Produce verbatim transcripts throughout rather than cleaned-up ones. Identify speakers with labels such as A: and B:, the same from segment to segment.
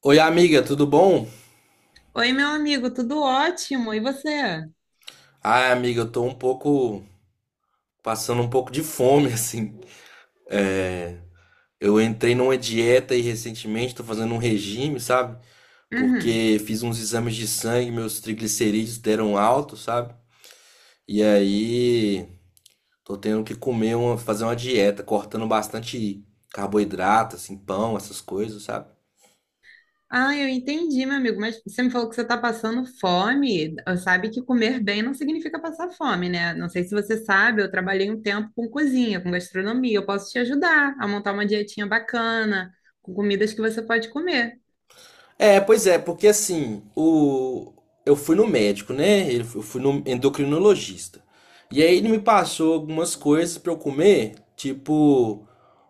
A: Oi, amiga, tudo bom?
B: Oi, meu amigo, tudo ótimo. E você?
A: Ah, amiga, eu tô um pouco passando um pouco de fome, assim. Eu entrei numa dieta e recentemente tô fazendo um regime, sabe?
B: Uhum.
A: Porque fiz uns exames de sangue, meus triglicerídeos deram alto, sabe? E aí tô tendo que comer uma, fazer uma dieta, cortando bastante carboidrato, assim, pão, essas coisas, sabe?
B: Ah, eu entendi, meu amigo, mas você me falou que você está passando fome. Sabe que comer bem não significa passar fome, né? Não sei se você sabe, eu trabalhei um tempo com cozinha, com gastronomia. Eu posso te ajudar a montar uma dietinha bacana, com comidas que você pode comer.
A: É, pois é, porque assim, o... eu fui no médico, né? Eu fu- eu fui no endocrinologista. E aí ele me passou algumas coisas pra eu comer, tipo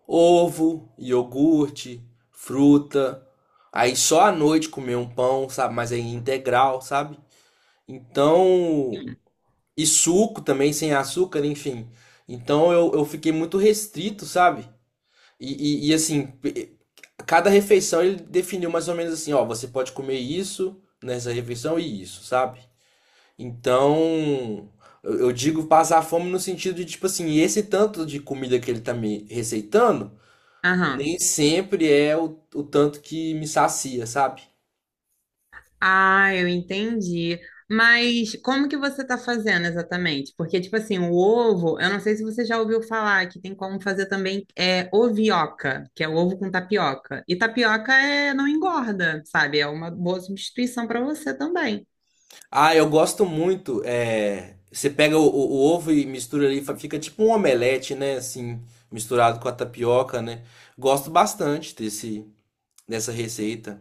A: ovo, iogurte, fruta. Aí só à noite comer um pão, sabe? Mas aí integral, sabe? Então, e suco também, sem açúcar, enfim. Então eu, eu fiquei muito restrito, sabe? E, e, e, assim, pe- cada refeição ele definiu mais ou menos assim, ó, você pode comer isso nessa refeição e isso, sabe? Então, eu, eu digo passar fome no sentido de, tipo assim, esse tanto de comida que ele tá me receitando,
B: Aham.
A: nem sempre é o, o tanto que me sacia, sabe?
B: Ah, eu entendi. Mas como que você está fazendo exatamente? Porque, tipo assim, o ovo, eu não sei se você já ouviu falar que tem como fazer também é, ovioca, que é o ovo com tapioca. E tapioca é, não engorda, sabe? É uma boa substituição para você também.
A: Ah, eu gosto muito, é, você pega o, o- o ovo e mistura ali, fa- fica tipo um omelete, né, assim, misturado com a tapioca, né? Gosto bastante desse nessa receita.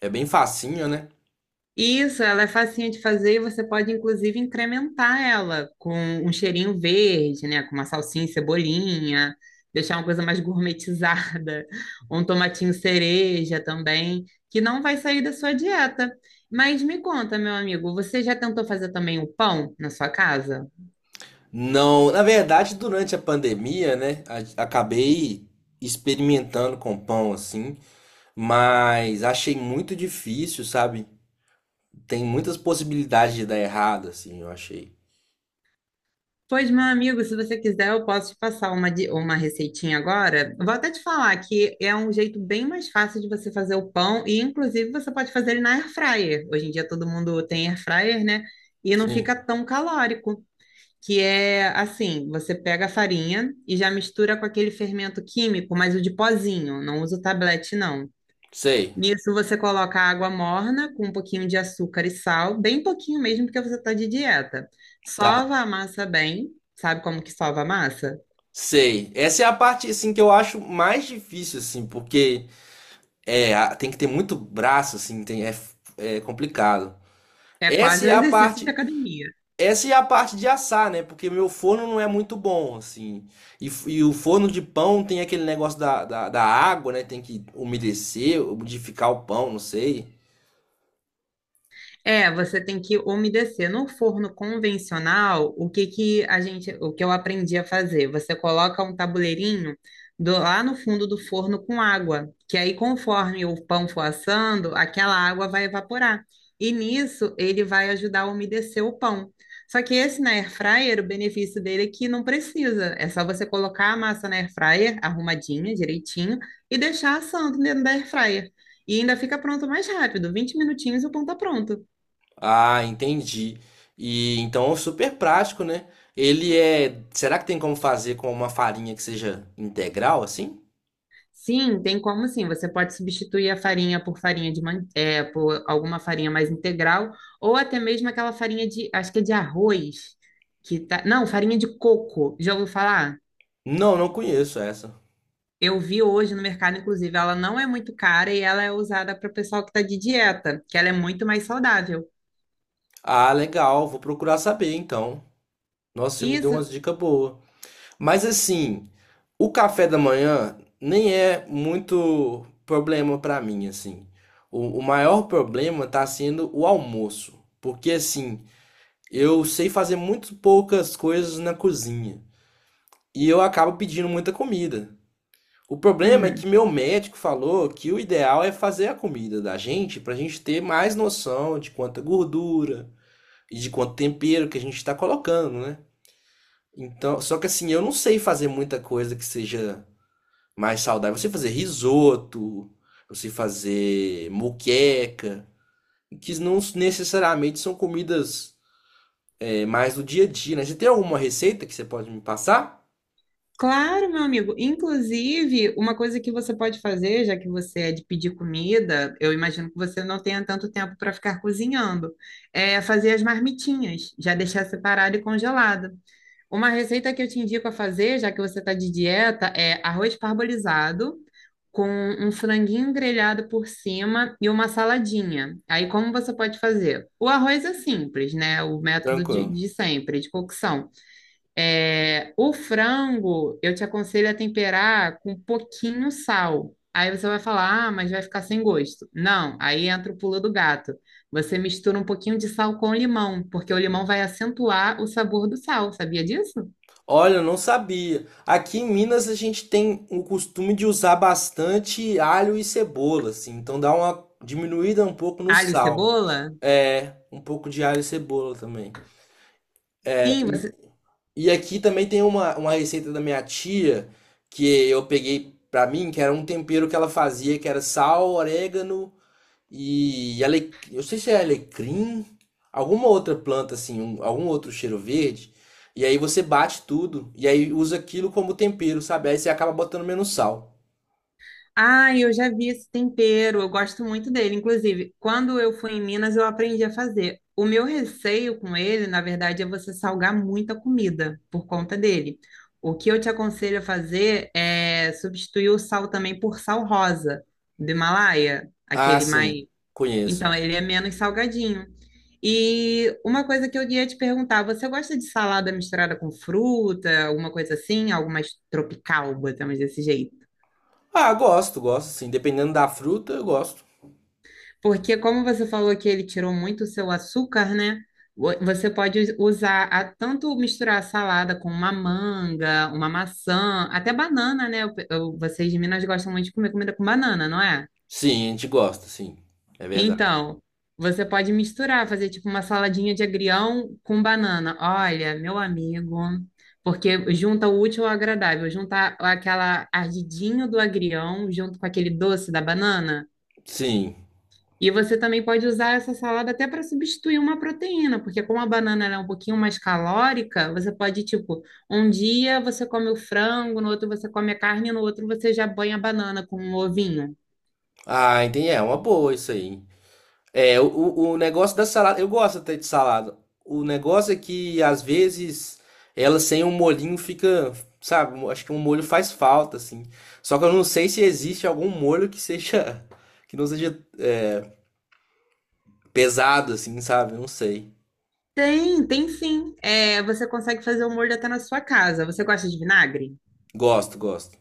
A: É bem facinho, né?
B: Isso, ela é facinho de fazer e você pode, inclusive, incrementar ela com um cheirinho verde, né? Com uma salsinha e cebolinha, deixar uma coisa mais gourmetizada, um tomatinho cereja também, que não vai sair da sua dieta. Mas me conta, meu amigo, você já tentou fazer também o pão na sua casa?
A: Não, na verdade, durante a pandemia, né, a- acabei experimentando com pão assim, mas achei muito difícil, sabe? Tem muitas possibilidades de dar errado, assim, eu achei.
B: Pois, meu amigo, se você quiser, eu posso te passar uma, di- uma receitinha agora. Vou até te falar que é um jeito bem mais fácil de você fazer o pão e, inclusive, você pode fazer ele na air fryer. Hoje em dia todo mundo tem air fryer, né? E não
A: Sim,
B: fica tão calórico. Que é assim, você pega a farinha e já mistura com aquele fermento químico, mas o de pozinho, não usa o tablete, não.
A: sei,
B: Nisso você coloca água morna com um pouquinho de açúcar e sal, bem pouquinho mesmo, porque você está de dieta.
A: tá.
B: Sova a massa bem, sabe como que sova a massa?
A: Sei. Essa é a parte assim que eu acho mais difícil assim, porque é, a- tem que ter muito braço assim, tem é, f- é complicado.
B: É
A: Essa
B: quase
A: é
B: um
A: a
B: exercício de
A: parte
B: academia.
A: Essa é a parte de assar, né? Porque meu forno não é muito bom, assim. E, f- e o forno de pão tem aquele negócio da, da, da água, né? Tem que umedecer, umidificar o pão, não sei.
B: É, você tem que umedecer. No forno convencional, o que que a gente, o que eu aprendi a fazer? Você coloca um tabuleirinho do- lá no fundo do forno com água, que aí conforme o pão for assando, aquela água vai evaporar. E nisso ele vai ajudar a umedecer o pão. Só que esse na air fryer, o benefício dele é que não precisa. É só você colocar a massa na air fryer arrumadinha, direitinho, e deixar assando dentro da air fryer. E ainda fica pronto mais rápido. vinte minutinhos e o pão tá pronto.
A: Ah, entendi. E então é super prático, né? Ele é. Será que tem como fazer com uma farinha que seja integral, assim?
B: Sim, tem como sim. Você pode substituir a farinha por farinha de man... é, por alguma farinha mais integral, ou até mesmo aquela farinha de, acho que é de arroz, que tá, não, farinha de coco. Já ouviu falar?
A: Não, não conheço essa.
B: Eu vi hoje no mercado, inclusive, ela não é muito cara e ela é usada para o pessoal que está de dieta, que ela é muito mais saudável.
A: Ah, legal. Vou procurar saber, então. Nossa, você me deu
B: Isso,
A: umas dicas boas. Mas assim, o café da manhã nem é muito problema pra mim, assim. O, o maior problema tá sendo o almoço, porque assim, eu sei fazer muito poucas coisas na cozinha e eu acabo pedindo muita comida. O problema é
B: uhum.
A: que meu médico falou que o ideal é fazer a comida da gente pra gente ter mais noção de quanta gordura e de quanto tempero que a gente tá colocando, né? Então, só que assim, eu não sei fazer muita coisa que seja mais saudável. Você fazer risoto, você fazer moqueca, que não necessariamente são comidas é, mais do dia a dia, né? Você tem alguma receita que você pode me passar?
B: Claro, meu amigo. Inclusive, uma coisa que você pode fazer, já que você é de pedir comida, eu imagino que você não tenha tanto tempo para ficar cozinhando, é fazer as marmitinhas, já deixar separado e congelado. Uma receita que eu te indico a fazer, já que você está de dieta, é arroz parbolizado com um franguinho grelhado por cima e uma saladinha. Aí, como você pode fazer? O arroz é simples, né? O método de,
A: Tranquilo.
B: de sempre, de cocção. É, o frango, eu te aconselho a temperar com um pouquinho sal. Aí você vai falar, ah, mas vai ficar sem gosto. Não, aí entra o pulo do gato. Você mistura um pouquinho de sal com limão, porque o limão vai acentuar o sabor do sal, sabia disso?
A: Olha, eu não sabia. Aqui em Minas a gente tem o costume de usar bastante alho e cebola, assim, então dá uma diminuída um pouco no
B: Alho e
A: sal.
B: cebola?
A: É, um pouco de alho e cebola também. É,
B: Sim, você
A: E aqui também tem uma, uma receita da minha tia que eu peguei pra mim, que era um tempero que ela fazia, que era sal, orégano e ale... eu sei se é alecrim, alguma outra planta assim, um- algum outro cheiro verde. E aí você bate tudo e aí usa aquilo como tempero, sabe? Aí você acaba botando menos sal.
B: Ah, eu já vi esse tempero, eu gosto muito dele. Inclusive, quando eu fui em Minas, eu aprendi a fazer. O meu receio com ele, na verdade, é você salgar muita comida por conta dele. O que eu te aconselho a fazer é substituir o sal também por sal rosa do Himalaia,
A: Ah,
B: aquele
A: sim,
B: mais.
A: conheço.
B: Então, ele é menos salgadinho. E uma coisa que eu ia te perguntar, você gosta de salada misturada com fruta, alguma coisa assim, algo mais tropical, botamos desse jeito?
A: Ah, gosto, gosto, sim. Dependendo da fruta, eu gosto.
B: Porque como você falou que ele tirou muito o seu açúcar, né? Vo- Você pode us- usar a- tanto misturar a salada com uma manga, uma maçã, até banana, né? Eu- eu- vocês de Minas gostam muito de comer comida com banana, não é?
A: Sim, a gente gosta, sim. É verdade.
B: Então, você pode misturar, fazer tipo uma saladinha de agrião com banana. Olha, meu amigo, porque junta o útil ao agradável, junta aquela ardidinho do agrião junto com aquele doce da banana.
A: Sim.
B: E você também pode usar essa salada até para substituir uma proteína, porque como a banana ela é um pouquinho mais calórica, você pode, tipo, um dia você come o frango, no outro você come a carne, no outro você já banha a banana com um ovinho.
A: Ah, entendi. É uma boa isso aí. É, o, o o negócio da salada, eu gosto até de salada. O negócio é que às vezes ela sem um molhinho fica, sabe, um, acho que um molho faz falta assim. Só que eu não sei se existe algum molho que seja que não seja pesado assim, sabe? Eu não sei.
B: Tem, tem sim. É, você consegue fazer o molho até na sua casa. Você gosta de vinagre?
A: Gosto, gosto.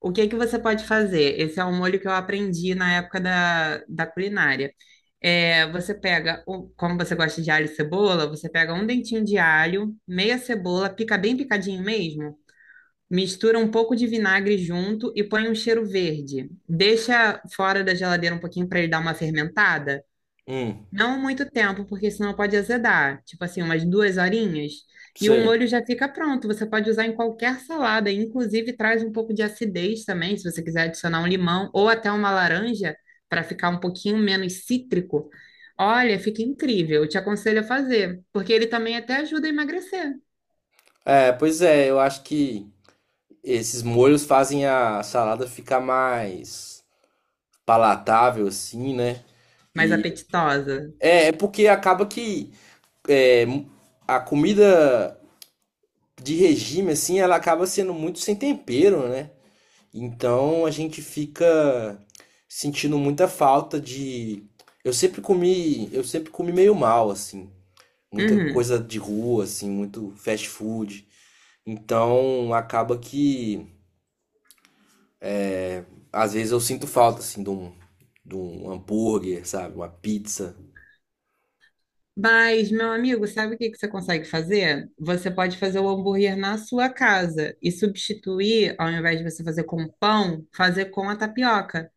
B: O que que você pode fazer? Esse é um molho que eu aprendi na época da, da culinária. É, você pega, o- como você gosta de alho e cebola, você pega um dentinho de alho, meia cebola, pica bem picadinho mesmo, mistura um pouco de vinagre junto e põe um cheiro verde. Deixa fora da geladeira um pouquinho para ele dar uma fermentada.
A: Hum,
B: Não muito tempo, porque senão pode azedar. Tipo assim, umas duas horinhas. E o
A: sei.
B: molho já fica pronto. Você pode usar em qualquer salada. Inclusive, traz um pouco de acidez também, se você quiser adicionar um limão ou até uma laranja, para ficar um pouquinho menos cítrico. Olha, fica incrível. Eu te aconselho a fazer, porque ele também até ajuda a emagrecer.
A: É, pois é, eu acho que esses molhos fazem a salada ficar mais palatável assim, né?
B: Mais
A: E
B: apetitosa.
A: é, é porque acaba que é, a comida de regime, assim, ela acaba sendo muito sem tempero, né? Então a gente fica sentindo muita falta de. Eu sempre comi, eu sempre comi meio mal, assim. Muita
B: Uhum.
A: coisa de rua, assim, muito fast food. Então acaba que às vezes eu sinto falta, assim, de um, de um hambúrguer, sabe? Uma pizza.
B: Mas, meu amigo, sabe o que que você consegue fazer? Você pode fazer o hambúrguer na sua casa e substituir, ao invés de você fazer com pão, fazer com a tapioca.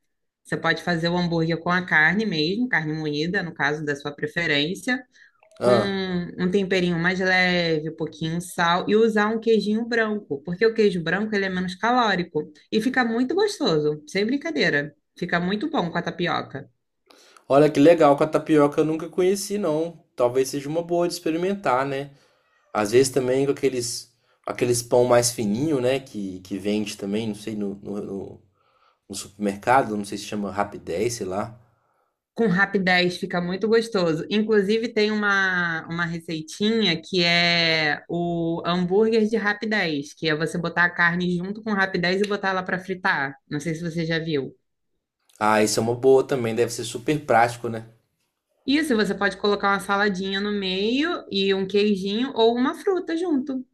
B: Você pode fazer o hambúrguer com a carne mesmo, carne moída, no caso da sua preferência, com
A: Ah,
B: um temperinho mais leve, um pouquinho sal e usar um queijinho branco, porque o queijo branco ele é menos calórico e fica muito gostoso, sem brincadeira. Fica muito bom com a tapioca.
A: olha que legal, com a tapioca eu nunca conheci, não. Talvez seja uma boa de experimentar, né? Às vezes também com aqueles, aqueles pão mais fininho, né? Que, que vende também, não sei, no, no, no- no supermercado, não sei se chama Rapidez, sei lá.
B: Com rapidez fica muito gostoso. Inclusive, tem uma, uma receitinha que é o hambúrguer de rapidez, que é você botar a carne junto com o rapidez e botar ela para fritar. Não sei se você já viu.
A: Ah, isso é uma boa também, deve ser super prático, né?
B: Isso, você pode colocar uma saladinha no meio e um queijinho ou uma fruta junto.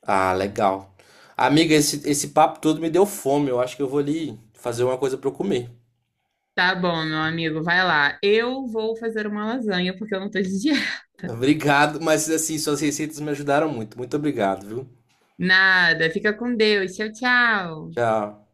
A: Ah, legal. Amiga, esse, esse papo todo me deu fome, eu acho que eu vou ali fazer uma coisa para eu comer.
B: Tá bom, meu amigo, vai lá. Eu vou fazer uma lasanha porque eu não tô de dieta.
A: Obrigado, mas assim, suas receitas me ajudaram muito. Muito obrigado, viu?
B: Nada, fica com Deus. Tchau, tchau.
A: Tchau.